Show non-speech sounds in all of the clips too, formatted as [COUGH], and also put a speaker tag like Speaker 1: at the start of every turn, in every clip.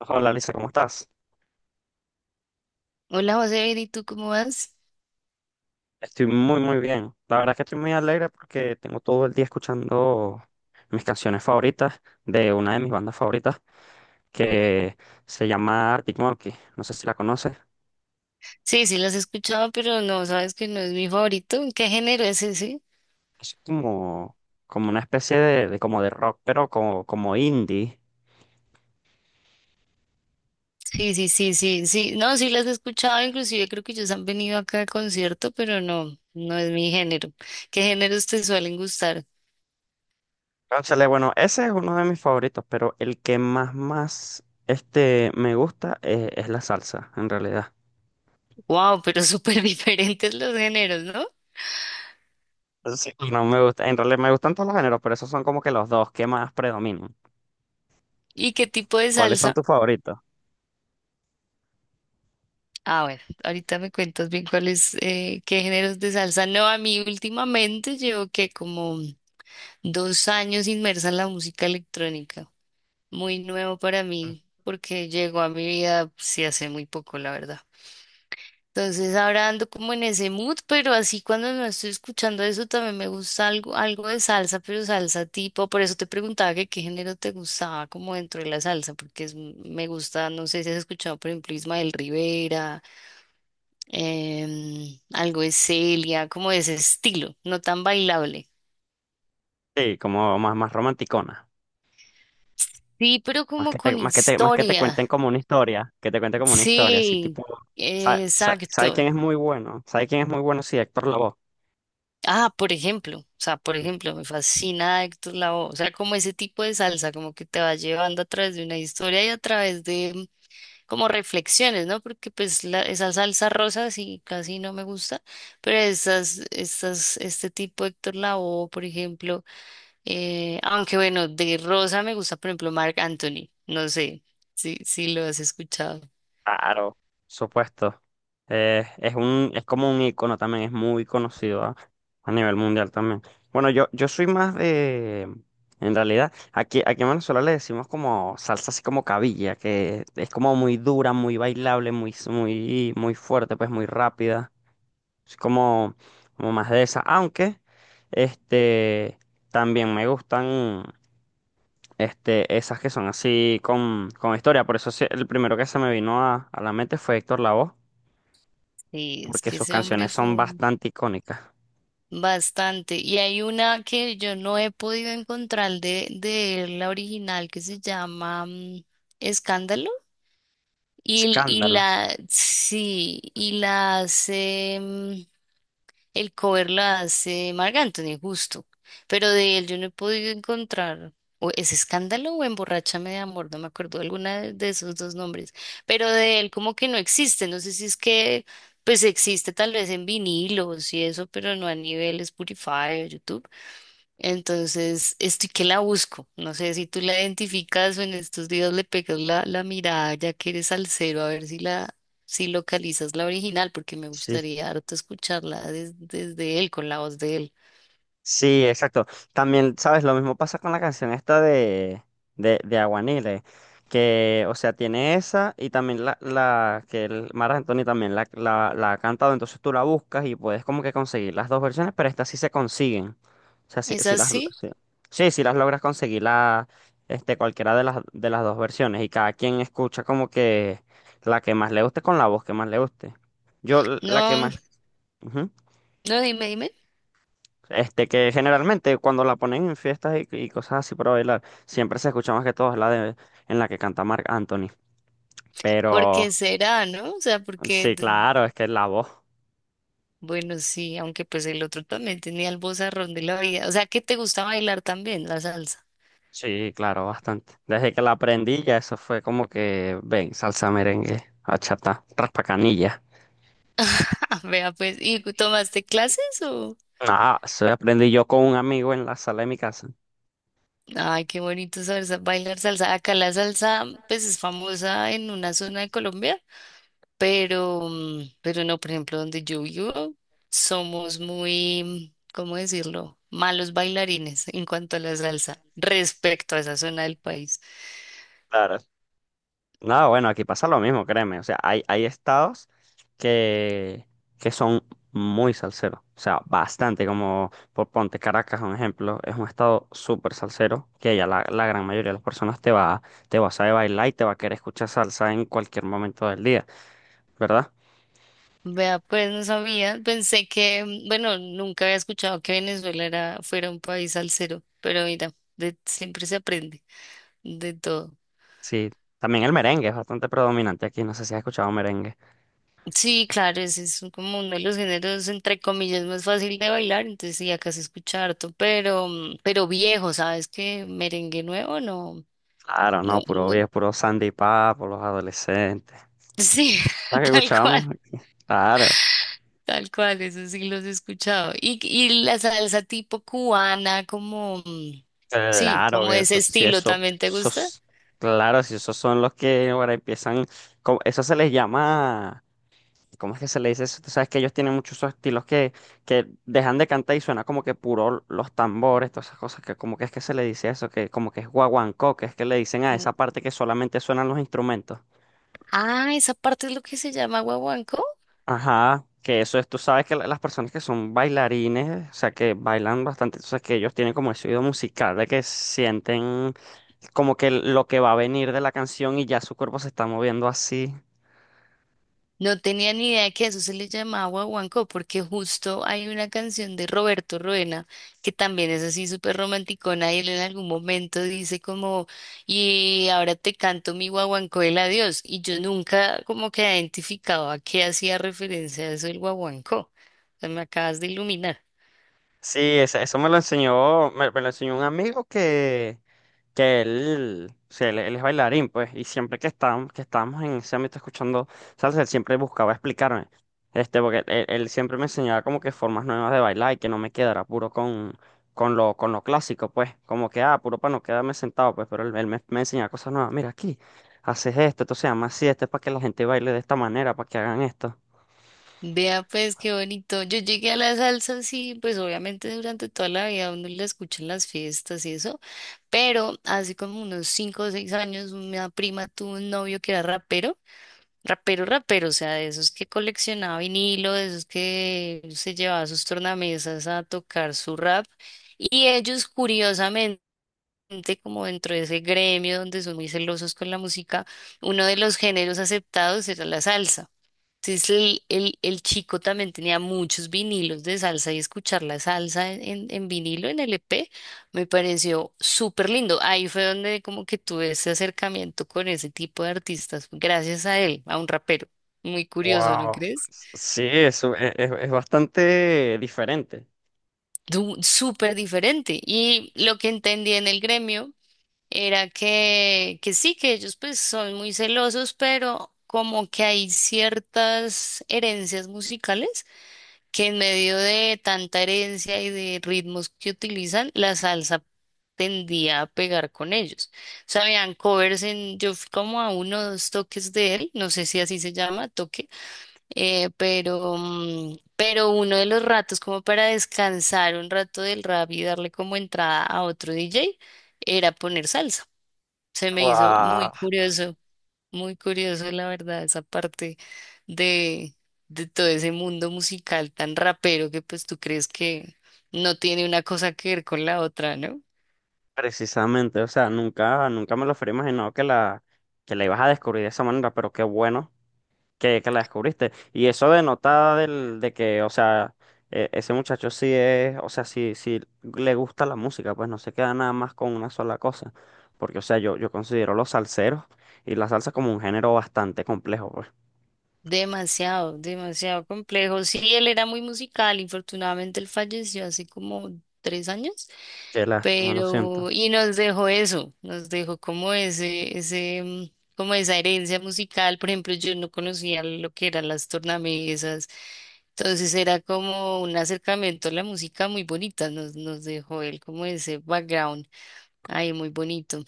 Speaker 1: Hola, Lisa, ¿cómo estás?
Speaker 2: Hola José, bien, ¿y tú cómo vas?
Speaker 1: Estoy muy, muy bien. La verdad que estoy muy alegre porque tengo todo el día escuchando mis canciones favoritas de una de mis bandas favoritas que se llama Arctic Monkey. No sé si la conoces.
Speaker 2: Sí, las he escuchado, pero no, sabes que no es mi favorito. ¿Qué género es ese?
Speaker 1: Es como, como una especie de como de rock, pero como, como indie.
Speaker 2: Sí. No, sí las he escuchado, inclusive creo que ellos han venido acá al concierto, pero no es mi género. ¿Qué géneros te suelen gustar?
Speaker 1: Cónchale, bueno, ese es uno de mis favoritos, pero el que más, más me gusta, es la salsa, en realidad.
Speaker 2: Wow, pero súper [LAUGHS] diferentes los géneros, ¿no?
Speaker 1: Sí, no me gusta, en realidad me gustan todos los géneros, pero esos son como que los dos que más predominan.
Speaker 2: ¿Y qué tipo de
Speaker 1: ¿Cuáles son
Speaker 2: salsa?
Speaker 1: tus favoritos?
Speaker 2: Ah, bueno, ahorita me cuentas bien cuáles, qué géneros de salsa. No, a mí últimamente llevo que como 2 años inmersa en la música electrónica. Muy nuevo para mí porque llegó a mi vida pues, sí hace muy poco, la verdad. Entonces ahora ando como en ese mood, pero así cuando no estoy escuchando eso también me gusta algo, algo de salsa, pero salsa tipo, por eso te preguntaba que qué género te gustaba como dentro de la salsa, porque me gusta, no sé si has escuchado por ejemplo Ismael Rivera, algo de Celia, como de ese estilo, no tan bailable.
Speaker 1: Sí, como más, más romanticona.
Speaker 2: Sí, pero como con
Speaker 1: Más que te
Speaker 2: historia.
Speaker 1: cuenten como una historia, que te cuente como una historia, así
Speaker 2: Sí,
Speaker 1: tipo, ¿sabes quién
Speaker 2: exacto.
Speaker 1: es muy bueno? ¿Sabe quién es muy bueno? Sí, Héctor Lavoe.
Speaker 2: Ah, por ejemplo, o sea, por
Speaker 1: Sí.
Speaker 2: ejemplo, me fascina Héctor Lavoe, o sea, como ese tipo de salsa, como que te va llevando a través de una historia y a través de como reflexiones, ¿no? Porque pues esa salsa rosa sí casi no me gusta, pero esas, estas, este tipo de Héctor Lavoe, por ejemplo, aunque bueno, de rosa me gusta, por ejemplo, Marc Anthony, no sé si lo has escuchado.
Speaker 1: Claro, supuesto. Es es como un icono también, es muy conocido a nivel mundial también. Bueno, yo soy más de, en realidad, aquí en Venezuela le decimos como salsa así como cabilla, que es como muy dura, muy bailable, muy, muy, muy fuerte, pues muy rápida. Es como, como más de esa. Aunque, este, también me gustan, esas que son así con historia. Por eso sí, el primero que se me vino a la mente fue Héctor Lavoe,
Speaker 2: Sí, es
Speaker 1: porque
Speaker 2: que
Speaker 1: sus
Speaker 2: ese hombre
Speaker 1: canciones
Speaker 2: fue
Speaker 1: son
Speaker 2: un…
Speaker 1: bastante icónicas.
Speaker 2: Bastante. Y hay una que yo no he podido encontrar de él, la original que se llama Escándalo. Y, y
Speaker 1: Escándalo.
Speaker 2: la, sí, y la hace, mm, el cover la hace Marc Anthony, justo. Pero de él yo no he podido encontrar. O es Escándalo o Emborráchame de Amor, no me acuerdo alguna de esos dos nombres. Pero de él como que no existe. No sé si es que, pues existe tal vez en vinilos y eso, pero no a nivel Spotify o YouTube. Entonces, estoy que la busco. No sé si tú la identificas o en estos días le pegas la mirada ya que eres salsero, a ver si localizas la original, porque me
Speaker 1: Sí.
Speaker 2: gustaría harto escucharla desde él, con la voz de él.
Speaker 1: Sí, exacto. También, ¿sabes? Lo mismo pasa con la canción esta de Aguanile, que, o sea, tiene esa y también la que el Mar Anthony también la ha cantado, entonces tú la buscas y puedes como que conseguir las dos versiones, pero estas sí se consiguen. O sea, si,
Speaker 2: ¿Es
Speaker 1: si las, lo-
Speaker 2: así?
Speaker 1: sí, sí, si las logras conseguir la, cualquiera de las dos versiones y cada quien escucha como que la que más le guste con la voz que más le guste. Yo la que
Speaker 2: No,
Speaker 1: más... ujú.
Speaker 2: no, dime, dime.
Speaker 1: Este, que generalmente cuando la ponen en fiestas y cosas así para bailar, siempre se escucha más que todo la de en la que canta Marc Anthony.
Speaker 2: ¿Por
Speaker 1: Pero
Speaker 2: qué será, no? O sea, porque,
Speaker 1: sí, claro, es que la voz,
Speaker 2: bueno, sí, aunque pues el otro también tenía el vozarrón de la vida. O sea, que te gusta bailar también la salsa.
Speaker 1: sí, claro, bastante. Desde que la aprendí ya eso fue como que, ven, salsa merengue, achata, raspa canilla.
Speaker 2: [LAUGHS] Vea, pues, ¿y tomaste clases o?
Speaker 1: Ah, eso aprendí yo con un amigo en la sala de mi casa.
Speaker 2: Ay, qué bonito salsa, bailar salsa. Acá la salsa, pues es famosa en una zona de Colombia, pero, pero no, por ejemplo, donde yo vivo, somos muy, ¿cómo decirlo? Malos bailarines en cuanto a la salsa, respecto a esa zona del país.
Speaker 1: Claro. No, bueno, aquí pasa lo mismo, créeme. O sea, hay estados que, que son muy salseros. O sea, bastante, como por ponte Caracas, un ejemplo, es un estado súper salsero, que ya la gran mayoría de las personas te va a saber bailar y te va a querer escuchar salsa en cualquier momento del día, ¿verdad?
Speaker 2: Vea, pues no sabía, pensé que, bueno, nunca había escuchado que Venezuela era, fuera un país salsero, pero mira, siempre se aprende de todo.
Speaker 1: Sí, también el merengue es bastante predominante aquí, no sé si has escuchado merengue.
Speaker 2: Sí, claro, ese es como uno de los géneros, entre comillas, más fácil de bailar, entonces sí, acá se escucha harto, pero, pero viejo, ¿sabes qué? Merengue nuevo, no,
Speaker 1: Claro,
Speaker 2: no,
Speaker 1: no, puro
Speaker 2: no,
Speaker 1: viejo, puro Sandy Papo, los adolescentes.
Speaker 2: sí, [LAUGHS]
Speaker 1: ¿Sabes qué
Speaker 2: tal
Speaker 1: escuchábamos?
Speaker 2: cual,
Speaker 1: [LAUGHS] Claro.
Speaker 2: tal cual, eso sí los he escuchado. Y la salsa tipo cubana, como, sí,
Speaker 1: Claro
Speaker 2: como
Speaker 1: que
Speaker 2: ese
Speaker 1: eso sí,
Speaker 2: estilo,
Speaker 1: eso,
Speaker 2: ¿también te gusta?
Speaker 1: esos, claro, si esos son los que ahora empiezan, eso se les llama, ¿cómo es que se le dice eso? Tú sabes que ellos tienen muchos esos estilos que dejan de cantar y suena como que puro los tambores, todas esas cosas, que como que es que se le dice eso, que como que es guaguancó, que es que le dicen a
Speaker 2: Mm.
Speaker 1: esa parte que solamente suenan los instrumentos.
Speaker 2: Ah, esa parte es lo que se llama guaguancó.
Speaker 1: Ajá, que eso es, tú sabes que las personas que son bailarines, o sea, que bailan bastante, entonces que ellos tienen como ese oído musical de que sienten como que lo que va a venir de la canción y ya su cuerpo se está moviendo así.
Speaker 2: No tenía ni idea que a eso se le llamaba guaguancó, porque justo hay una canción de Roberto Ruena que también es así súper romanticona y él en algún momento dice como, y ahora te canto mi guaguancó el adiós. Y yo nunca como que identificaba a qué hacía referencia a eso el guaguancó. O sea, me acabas de iluminar.
Speaker 1: Sí, eso, me, me lo enseñó un amigo que él, sí, él es bailarín, pues, y siempre que estábamos en ese ámbito escuchando salsa, él siempre buscaba explicarme, porque él siempre me enseñaba como que formas nuevas de bailar y que no me quedara puro con lo clásico, pues, como que, ah, puro para no quedarme sentado, pues, pero me enseñaba cosas nuevas, mira aquí, haces esto, esto se llama así, esto es para que la gente baile de esta manera, para que hagan esto.
Speaker 2: Vea pues qué bonito. Yo llegué a la salsa, sí, pues obviamente durante toda la vida uno la escucha en las fiestas y eso. Pero hace como unos 5 o 6 años, una prima tuvo un novio que era rapero, o sea, de esos que coleccionaba vinilo, de esos que se llevaba sus tornamesas a tocar su rap. Y ellos, curiosamente, como dentro de ese gremio donde son muy celosos con la música, uno de los géneros aceptados era la salsa. Entonces el chico también tenía muchos vinilos de salsa y escuchar la salsa en vinilo, en LP, me pareció súper lindo. Ahí fue donde como que tuve ese acercamiento con ese tipo de artistas, gracias a él, a un rapero. Muy curioso, ¿no
Speaker 1: Wow,
Speaker 2: crees?
Speaker 1: sí, eso es, es bastante diferente.
Speaker 2: Súper diferente. Y lo que entendí en el gremio era que sí, que ellos pues son muy celosos, pero como que hay ciertas herencias musicales que en medio de tanta herencia y de ritmos que utilizan, la salsa tendía a pegar con ellos. O sea, habían covers en, yo fui como a uno o dos toques de él, no sé si así se llama, toque, pero, pero uno de los ratos como para descansar un rato del rap y darle como entrada a otro DJ era poner salsa. Se me hizo muy
Speaker 1: Wow.
Speaker 2: curioso. Muy curioso, la verdad, esa parte de, de todo ese mundo musical tan rapero que pues tú crees que no tiene una cosa que ver con la otra, ¿no?
Speaker 1: Precisamente, o sea, nunca, nunca me lo hubiera imaginado que que la ibas a descubrir de esa manera, pero qué bueno que la descubriste. Y eso denota de que, o sea, ese muchacho sí es, o sea, sí, sí le gusta la música, pues no se queda nada más con una sola cosa. Porque, o sea, yo considero los salseros y la salsa como un género bastante complejo, pues.
Speaker 2: Demasiado, demasiado complejo. Sí, él era muy musical, infortunadamente él falleció hace como 3 años,
Speaker 1: Qué lástima, lo siento.
Speaker 2: pero y nos dejó eso, nos dejó como ese, ese, como esa herencia musical. Por ejemplo, yo no conocía lo que eran las tornamesas, entonces era como un acercamiento a la música muy bonita, nos dejó él como ese background ahí muy bonito,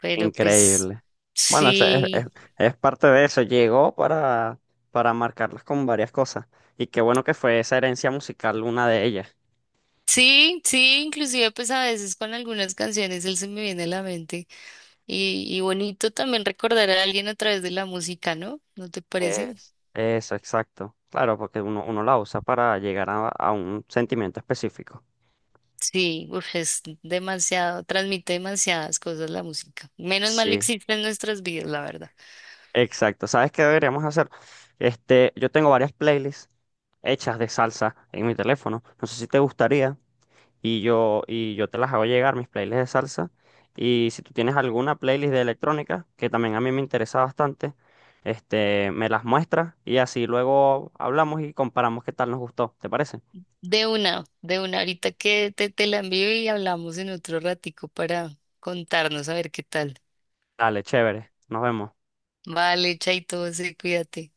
Speaker 2: pero pues
Speaker 1: Increíble. Bueno,
Speaker 2: sí.
Speaker 1: es parte de eso. Llegó para marcarlas con varias cosas. Y qué bueno que fue esa herencia musical una de ellas.
Speaker 2: Sí, inclusive pues a veces con algunas canciones él se me viene a la mente. Y bonito también recordar a alguien a través de la música, ¿no? ¿No te parece?
Speaker 1: Es, eso, exacto. Claro, porque uno, uno la usa para llegar a un sentimiento específico.
Speaker 2: Sí, uf, es demasiado, transmite demasiadas cosas la música. Menos mal
Speaker 1: Sí,
Speaker 2: existe en nuestras vidas, la verdad.
Speaker 1: exacto. ¿Sabes qué deberíamos hacer? Este, yo tengo varias playlists hechas de salsa en mi teléfono. No sé si te gustaría. Y y yo te las hago llegar, mis playlists de salsa. Y si tú tienes alguna playlist de electrónica, que también a mí me interesa bastante, me las muestras y así luego hablamos y comparamos qué tal nos gustó. ¿Te parece?
Speaker 2: De una, ahorita que te la envío y hablamos en otro ratico para contarnos a ver qué tal.
Speaker 1: Dale, chévere. Nos vemos.
Speaker 2: Vale, chaito, sí, cuídate.